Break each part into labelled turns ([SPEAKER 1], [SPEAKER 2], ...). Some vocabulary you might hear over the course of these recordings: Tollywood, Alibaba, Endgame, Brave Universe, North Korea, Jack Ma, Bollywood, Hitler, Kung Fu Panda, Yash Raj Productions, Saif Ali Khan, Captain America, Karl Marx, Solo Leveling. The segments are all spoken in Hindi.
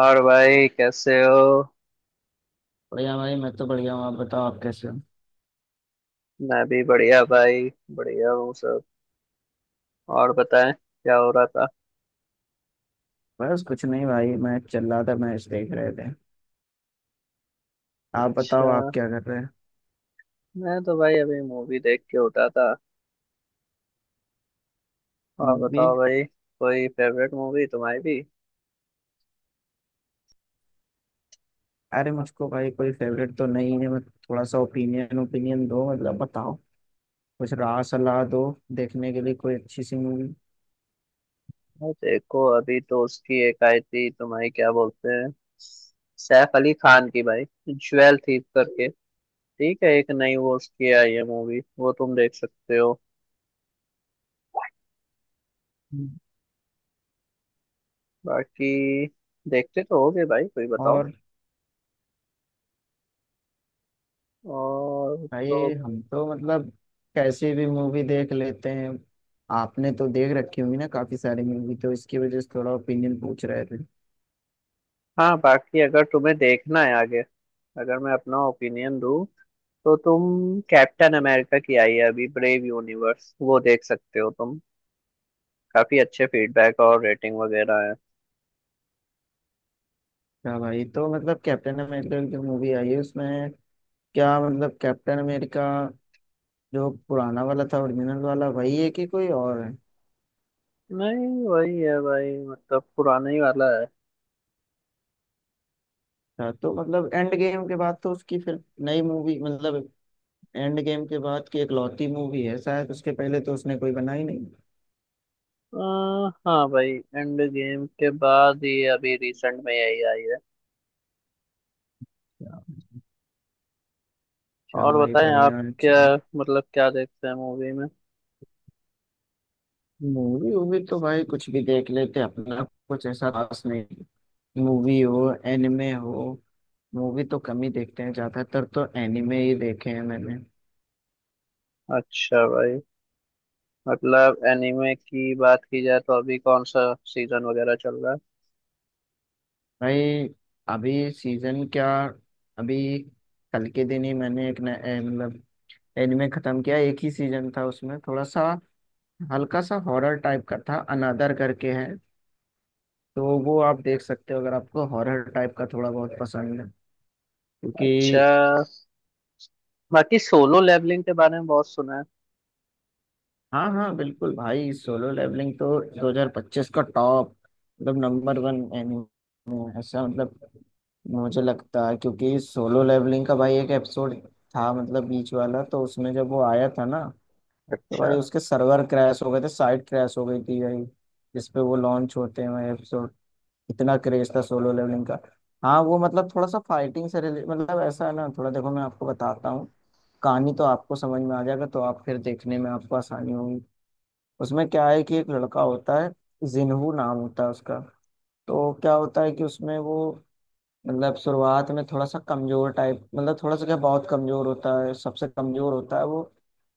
[SPEAKER 1] और भाई कैसे हो।
[SPEAKER 2] बढ़िया भाई, मैं तो बढ़िया हूँ। आप बताओ, आप कैसे हो?
[SPEAKER 1] मैं भी बढ़िया भाई। बढ़िया हूँ सब। और बताएं क्या हो रहा था।
[SPEAKER 2] बस कुछ नहीं भाई, मैं चल रहा था, मैच देख रहे थे। आप
[SPEAKER 1] अच्छा।
[SPEAKER 2] बताओ, आप क्या कर रहे हैं?
[SPEAKER 1] मैं तो भाई अभी मूवी देख के उठा था। और
[SPEAKER 2] मूवी?
[SPEAKER 1] बताओ भाई। कोई फेवरेट मूवी तुम्हारी भी।
[SPEAKER 2] अरे मुझको भाई कोई फेवरेट तो नहीं है। मैं थोड़ा सा ओपिनियन ओपिनियन दो, मतलब बताओ, कुछ राय सलाह दो देखने के लिए कोई अच्छी सी मूवी।
[SPEAKER 1] भाई देखो अभी तो उसकी एक आई थी तुम्हारी क्या बोलते हैं, सैफ अली खान की भाई, ज्वेल थी करके। ठीक है, एक नई वो उसकी आई है मूवी, वो तुम देख सकते हो।
[SPEAKER 2] हम्म।
[SPEAKER 1] बाकी देखते तो होगे भाई, कोई बताओ।
[SPEAKER 2] और
[SPEAKER 1] और
[SPEAKER 2] भाई,
[SPEAKER 1] तो।
[SPEAKER 2] हम तो मतलब कैसे भी मूवी देख लेते हैं। आपने तो देख रखी होंगी ना काफी सारी मूवी, तो इसकी वजह से थोड़ा ओपिनियन पूछ रहे थे।
[SPEAKER 1] हाँ बाकी अगर तुम्हें देखना है आगे, अगर मैं अपना ओपिनियन दूँ तो तुम कैप्टन अमेरिका की आई है अभी ब्रेव यूनिवर्स, वो देख सकते हो तुम। काफी अच्छे फीडबैक और रेटिंग वगैरह है।
[SPEAKER 2] क्या भाई, तो मतलब कैप्टन अमेरिका की मूवी आई है उसमें? क्या मतलब कैप्टन अमेरिका जो पुराना वाला था, ओरिजिनल वाला वही है कि कोई और है?
[SPEAKER 1] नहीं वही है भाई, मतलब पुराना ही वाला है।
[SPEAKER 2] अच्छा, तो मतलब एंड गेम के बाद तो उसकी फिर नई मूवी, मतलब एंड गेम के बाद की इकलौती मूवी है शायद, उसके पहले तो उसने कोई बनाई नहीं।
[SPEAKER 1] हाँ भाई, एंड गेम के बाद ये अभी रिसेंट में यही आई है।
[SPEAKER 2] अच्छा।
[SPEAKER 1] और
[SPEAKER 2] भाई
[SPEAKER 1] बताएं आप
[SPEAKER 2] बढ़िया।
[SPEAKER 1] क्या, मतलब क्या देखते हैं मूवी में।
[SPEAKER 2] मूवी वूवी तो भाई कुछ भी देख लेते अपना, कुछ ऐसा खास नहीं। मूवी हो, एनिमे हो। मूवी तो कम ही देखते हैं, ज्यादातर तो एनिमे ही देखे हैं मैंने।
[SPEAKER 1] अच्छा भाई, मतलब एनिमे की बात की जाए तो अभी कौन सा सीजन वगैरह चल रहा है।
[SPEAKER 2] भाई अभी सीजन क्या, अभी कल के दिन ही मैंने एक नया- ए, मतलब एनिमे खत्म किया। एक ही सीजन था उसमें, थोड़ा सा हल्का सा हॉरर टाइप का था, अनादर करके है। तो वो आप देख सकते हो अगर आपको हॉरर टाइप का थोड़ा बहुत पसंद है क्योंकि।
[SPEAKER 1] अच्छा, बाकी सोलो लेवलिंग के बारे में बहुत सुना है।
[SPEAKER 2] हाँ हाँ, बिल्कुल भाई। सोलो लेवलिंग तो 2025 का टॉप, मतलब नंबर वन एनिमे ऐसा, मतलब मुझे लगता है। क्योंकि सोलो लेवलिंग का भाई एक एपिसोड था, मतलब बीच वाला, तो उसमें जब वो आया था ना, तो
[SPEAKER 1] अच्छा।
[SPEAKER 2] भाई उसके सर्वर क्रैश हो गए थे, साइट क्रैश हो गई थी भाई जिसपे वो लॉन्च होते हैं भाई एपिसोड। इतना क्रेज था सोलो लेवलिंग का। हाँ वो मतलब थोड़ा सा फाइटिंग से रिले मतलब ऐसा है ना। थोड़ा देखो, मैं आपको बताता हूँ कहानी, तो आपको समझ में आ जाएगा, तो आप फिर देखने में आपको आसानी होगी। उसमें क्या है कि एक लड़का होता है, जिन्हू नाम होता है उसका। तो क्या होता है कि उसमें वो मतलब शुरुआत में थोड़ा सा कमजोर टाइप, मतलब थोड़ा सा क्या, बहुत कमजोर होता है, सबसे कमजोर होता है वो।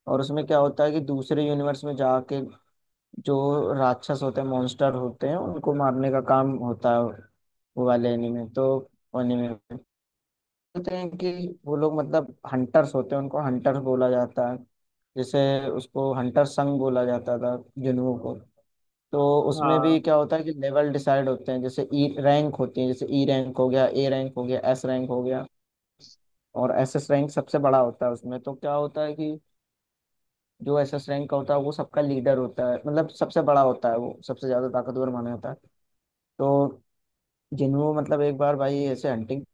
[SPEAKER 2] और उसमें क्या होता है कि दूसरे यूनिवर्स में जाके जो राक्षस होते हैं, मॉन्स्टर होते हैं, उनको मारने का काम होता है। वो वाले एनीमे, तो एनीमे में बोलते हैं कि वो लोग मतलब हंटर्स होते हैं, उनको हंटर्स बोला जाता है। जैसे उसको हंटर संग बोला जाता था, जुनू को। तो उसमें भी
[SPEAKER 1] हाँ
[SPEAKER 2] क्या होता है कि लेवल डिसाइड होते हैं, जैसे ई रैंक होती है, जैसे ई रैंक हो गया, ए रैंक हो गया, एस रैंक हो गया। और एस एस रैंक सबसे बड़ा होता है उसमें। तो क्या होता है कि जो एस एस रैंक का होता है वो सबका लीडर होता है, मतलब सबसे बड़ा होता है, वो सबसे ज्यादा ताकतवर माना जाता है। तो जिन्हों मतलब एक बार भाई ऐसे हंटिंग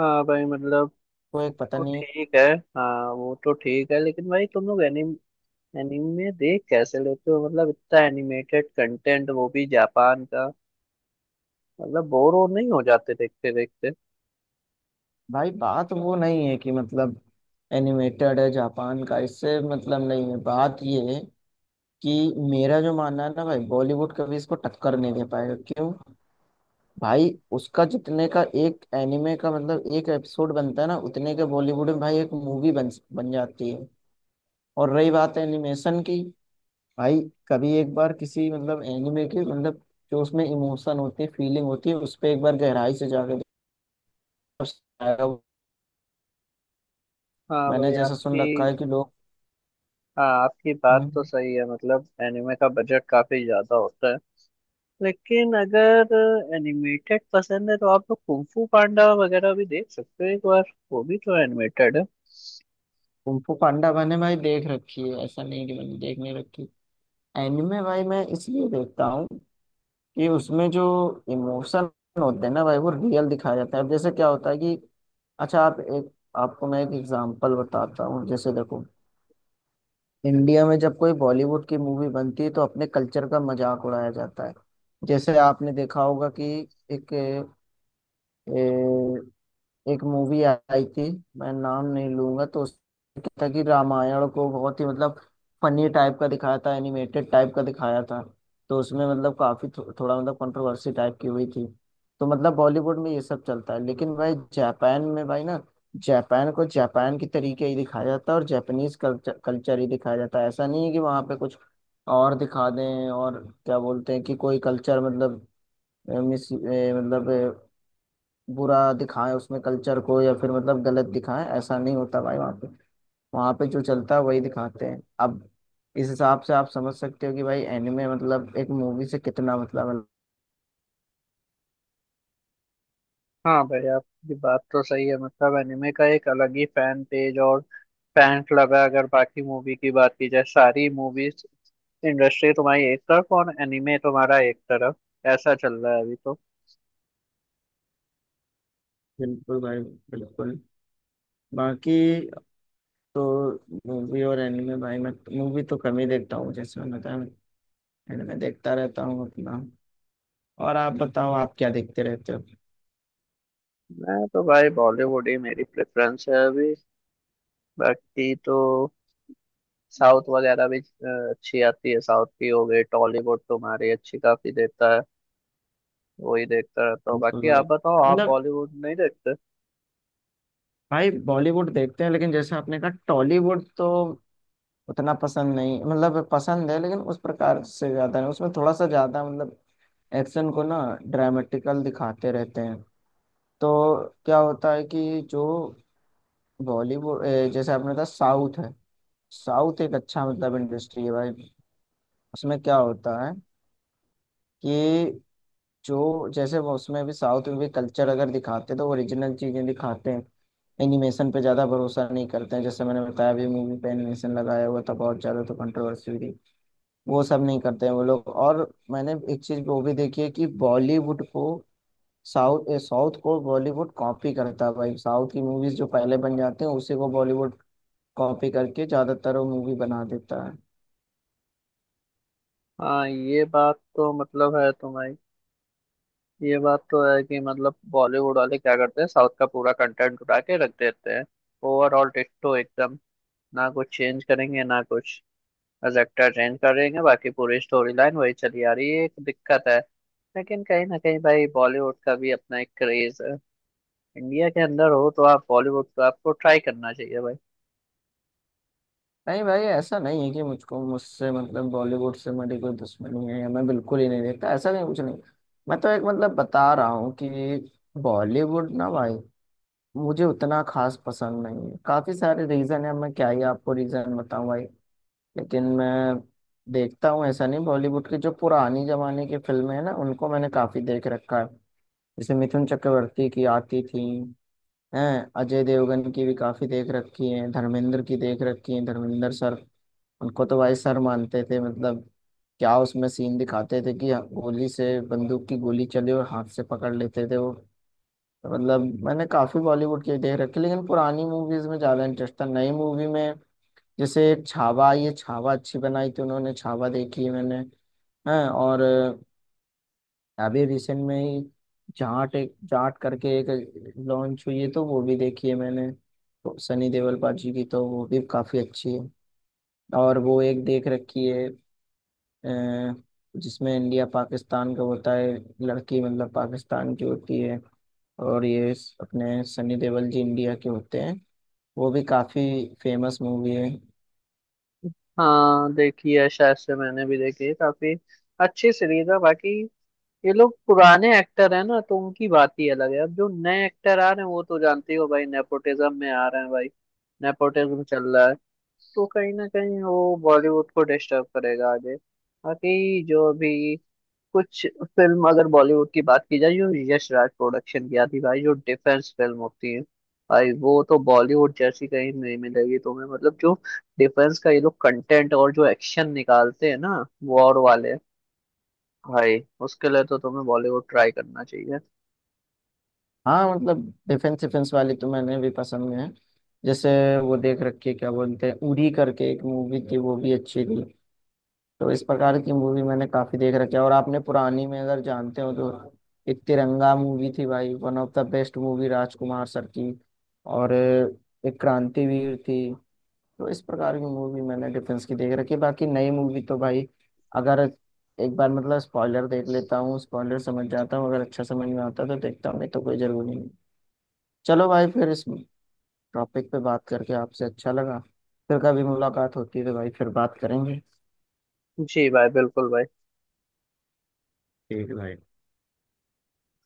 [SPEAKER 1] हाँ भाई मतलब।
[SPEAKER 2] को एक पता
[SPEAKER 1] वो
[SPEAKER 2] नहीं।
[SPEAKER 1] ठीक है। हाँ वो तो ठीक है, लेकिन भाई तुम लोग एनिमे देख कैसे लेते हो, मतलब इतना एनिमेटेड कंटेंट वो भी जापान का, मतलब बोर हो नहीं हो जाते देखते देखते।
[SPEAKER 2] भाई बात वो नहीं है कि मतलब एनिमेटेड है जापान का, इससे मतलब नहीं है। बात ये है कि मेरा जो मानना है ना भाई, बॉलीवुड कभी इसको टक्कर नहीं दे पाएगा। क्यों? भाई उसका जितने का एक एनिमे का मतलब एक एपिसोड बनता है ना, उतने के बॉलीवुड में भाई एक मूवी बन बन जाती है। और रही बात एनिमेशन की, भाई कभी एक बार किसी मतलब एनिमे के मतलब जो उसमें इमोशन होती है, फीलिंग होती है, उस पर एक बार गहराई से जाके देखो, उससे आएगा वो।
[SPEAKER 1] हाँ
[SPEAKER 2] मैंने
[SPEAKER 1] भाई
[SPEAKER 2] जैसा
[SPEAKER 1] आपकी।
[SPEAKER 2] सुन रखा है कि लोग
[SPEAKER 1] हाँ आपकी बात तो
[SPEAKER 2] हम्म,
[SPEAKER 1] सही है, मतलब एनिमे का बजट काफी ज्यादा होता है। लेकिन अगर एनिमेटेड पसंद है तो आप लोग कुंग फू पांडा वगैरह भी देख सकते हो एक बार। वो भी तो एनिमेटेड है।
[SPEAKER 2] कुंफू पांडा मैंने भाई देख रखी है, ऐसा नहीं कि मैंने देख नहीं रखी। एनिमे भाई मैं इसलिए देखता हूँ कि उसमें जो इमोशन होते हैं ना भाई, वो रियल दिखाया जाता है। अब जैसे क्या होता है कि अच्छा, आप एक, आपको मैं एक एग्जांपल बताता हूँ। जैसे देखो, इंडिया में जब कोई बॉलीवुड की मूवी बनती है तो अपने कल्चर का मजाक उड़ाया जाता है। जैसे आपने देखा होगा कि एक एक मूवी आई थी, मैं नाम नहीं लूंगा, तो उसमें क्या था कि रामायण को बहुत ही मतलब फनी टाइप का दिखाया था, एनिमेटेड टाइप का दिखाया था। तो उसमें मतलब काफी थोड़ा मतलब कंट्रोवर्सी टाइप की हुई थी। तो मतलब बॉलीवुड में ये सब चलता है, लेकिन भाई जापान में भाई ना, जापान को जापान के तरीके ही दिखाया जाता है, और जापानीज कल्चर कल्चर ही दिखाया जाता है। ऐसा नहीं है कि वहाँ पे कुछ और दिखा दें, और क्या बोलते हैं कि कोई कल्चर मतलब मिस मतलब बुरा दिखाएं उसमें, कल्चर को या फिर मतलब गलत दिखाएं, ऐसा नहीं होता भाई वहाँ पे। वहाँ पे जो चलता है वही दिखाते हैं। अब इस हिसाब से आप समझ सकते हो कि भाई एनिमे मतलब एक मूवी से कितना मतलब है।
[SPEAKER 1] हाँ भाई आपकी बात तो सही है, मतलब एनिमे का एक अलग ही फैन पेज और फैन क्लब है। अगर बाकी मूवी की बात की जाए, सारी मूवीज इंडस्ट्री तुम्हारी एक तरफ और एनिमे तुम्हारा एक तरफ, ऐसा चल रहा है अभी तो।
[SPEAKER 2] बिल्कुल भाई, बिल्कुल। बाकी तो मूवी और एनिमे भाई, मैं मूवी तो कम ही देखता हूँ, जैसे मैंने बताया। एनिमे देखता रहता हूँ अपना। और आप बताओ, आप क्या देखते रहते हो?
[SPEAKER 1] मैं तो भाई बॉलीवुड ही मेरी प्रेफरेंस है अभी। बाकी तो साउथ वगैरह भी अच्छी आती है, साउथ की हो गई टॉलीवुड तुम्हारी अच्छी काफी देखता है, वही देखता रहता हूँ।
[SPEAKER 2] बिल्कुल
[SPEAKER 1] बाकी
[SPEAKER 2] भाई,
[SPEAKER 1] आप बताओ, आप
[SPEAKER 2] मतलब
[SPEAKER 1] बॉलीवुड नहीं देखते।
[SPEAKER 2] भाई बॉलीवुड देखते हैं, लेकिन जैसे आपने कहा टॉलीवुड तो उतना पसंद नहीं, मतलब पसंद है लेकिन उस प्रकार से ज्यादा नहीं। उसमें थोड़ा सा ज्यादा मतलब एक्शन को ना ड्रामेटिकल दिखाते रहते हैं। तो क्या होता है कि जो बॉलीवुड जैसे आपने कहा साउथ है, साउथ एक अच्छा मतलब इंडस्ट्री है भाई। उसमें क्या होता है कि जो जैसे वो उसमें भी साउथ में भी कल्चर अगर दिखाते हैं तो ओरिजिनल चीजें दिखाते हैं। एनिमेशन पे ज्यादा भरोसा नहीं करते हैं, जैसे मैंने बताया अभी मूवी पे एनिमेशन लगाया हुआ था बहुत ज्यादा तो कंट्रोवर्सी हुई थी। वो सब नहीं करते हैं वो लोग। और मैंने एक चीज वो भी देखी है कि बॉलीवुड को साउथ साउथ को बॉलीवुड कॉपी करता है भाई। साउथ की मूवीज जो पहले बन जाते हैं उसी को बॉलीवुड कॉपी करके ज्यादातर वो मूवी बना देता है।
[SPEAKER 1] हाँ ये बात तो मतलब है तुम्हारी, ये बात तो है कि मतलब बॉलीवुड वाले क्या करते हैं साउथ का पूरा कंटेंट उठा के रख देते हैं। ओवरऑल डिट्टो एकदम, ना कुछ चेंज करेंगे ना कुछ, बस एक्टर चेंज करेंगे, बाकी पूरी स्टोरी लाइन वही चली आ रही है, एक दिक्कत है। लेकिन कहीं ना कहीं भाई बॉलीवुड का भी अपना एक क्रेज है। इंडिया के अंदर हो तो आप बॉलीवुड तो आपको ट्राई करना चाहिए भाई।
[SPEAKER 2] नहीं भाई, ऐसा नहीं है कि मुझको मुझसे मतलब बॉलीवुड से मेरी कोई दुश्मनी है या मैं बिल्कुल ही नहीं देखता, ऐसा नहीं, कुछ नहीं। मैं तो एक मतलब बता रहा हूँ कि बॉलीवुड ना भाई मुझे उतना खास पसंद नहीं है। काफी सारे रीजन है, मैं क्या ही आपको रीजन बताऊं भाई। लेकिन मैं देखता हूँ, ऐसा नहीं। बॉलीवुड की जो पुरानी जमाने की फिल्में हैं ना, उनको मैंने काफी देख रखा है। जैसे मिथुन चक्रवर्ती की आती थी, हैं, अजय देवगन की भी काफी देख रखी है, धर्मेंद्र की देख रखी है, धर्मेंद्र सर, उनको तो भाई सर मानते थे, मतलब क्या उसमें सीन दिखाते थे कि गोली से बंदूक की गोली चले और हाथ से पकड़ लेते थे वो। तो मतलब मैंने काफी बॉलीवुड की देख रखी लेकिन पुरानी मूवीज में ज्यादा इंटरेस्ट था, नई मूवी में जैसे छावा, ये छावा अच्छी बनाई थी उन्होंने, छावा देखी है मैंने। हैं और अभी रिसेंट में ही जाट, एक जाट करके एक लॉन्च हुई है, तो वो भी देखी है मैंने, तो सनी देओल पाजी की, तो वो भी काफी अच्छी है। और वो एक देख रखी है अ, जिसमें इंडिया पाकिस्तान का होता है, लड़की मतलब पाकिस्तान की होती है और ये अपने सनी देओल जी इंडिया के होते हैं। वो भी काफी फेमस मूवी है।
[SPEAKER 1] हाँ देखी है शायद से, मैंने भी देखी है, काफी अच्छी सीरीज है। बाकी ये लोग पुराने एक्टर हैं ना तो उनकी बात ही अलग है। अब जो नए एक्टर आ रहे हैं वो तो जानते ही हो भाई, नेपोटिज्म में आ रहे हैं भाई, नेपोटिज्म चल रहा है। तो कहीं ना कहीं वो बॉलीवुड को डिस्टर्ब करेगा आगे। बाकी जो भी कुछ फिल्म अगर बॉलीवुड की बात की जाए, जो यश राज प्रोडक्शन की आती भाई, जो डिफेंस फिल्म होती है भाई, वो तो बॉलीवुड जैसी कहीं नहीं मिलेगी तुम्हें। मतलब जो डिफेंस का ये लोग कंटेंट और जो एक्शन निकालते हैं ना, वॉर वाले, भाई उसके लिए तो तुम्हें बॉलीवुड ट्राई करना चाहिए।
[SPEAKER 2] हाँ मतलब डिफेंस डिफेंस वाली तो मैंने भी पसंद में है। जैसे वो देख रखी है, क्या बोलते हैं, उरी करके एक मूवी थी, वो भी अच्छी थी। तो इस प्रकार की मूवी मैंने काफी देख रखी है। और आपने पुरानी में अगर जानते हो तो एक तिरंगा मूवी थी भाई, one of the best movie, Rajkumar sir की। और एक क्रांतिवीर थी। तो इस प्रकार की मूवी मैंने डिफेंस की देख रखी है। बाकी नई मूवी तो भाई अगर एक बार मतलब स्पॉइलर देख लेता हूँ, स्पॉइलर समझ जाता हूँ, अगर अच्छा समझ में आता है तो देखता हूँ, नहीं तो कोई जरूरी नहीं। चलो भाई, फिर इस टॉपिक पे बात करके आपसे अच्छा लगा। फिर कभी मुलाकात होती है तो भाई फिर बात करेंगे।
[SPEAKER 1] जी भाई, बिल्कुल भाई।
[SPEAKER 2] ठीक है भाई।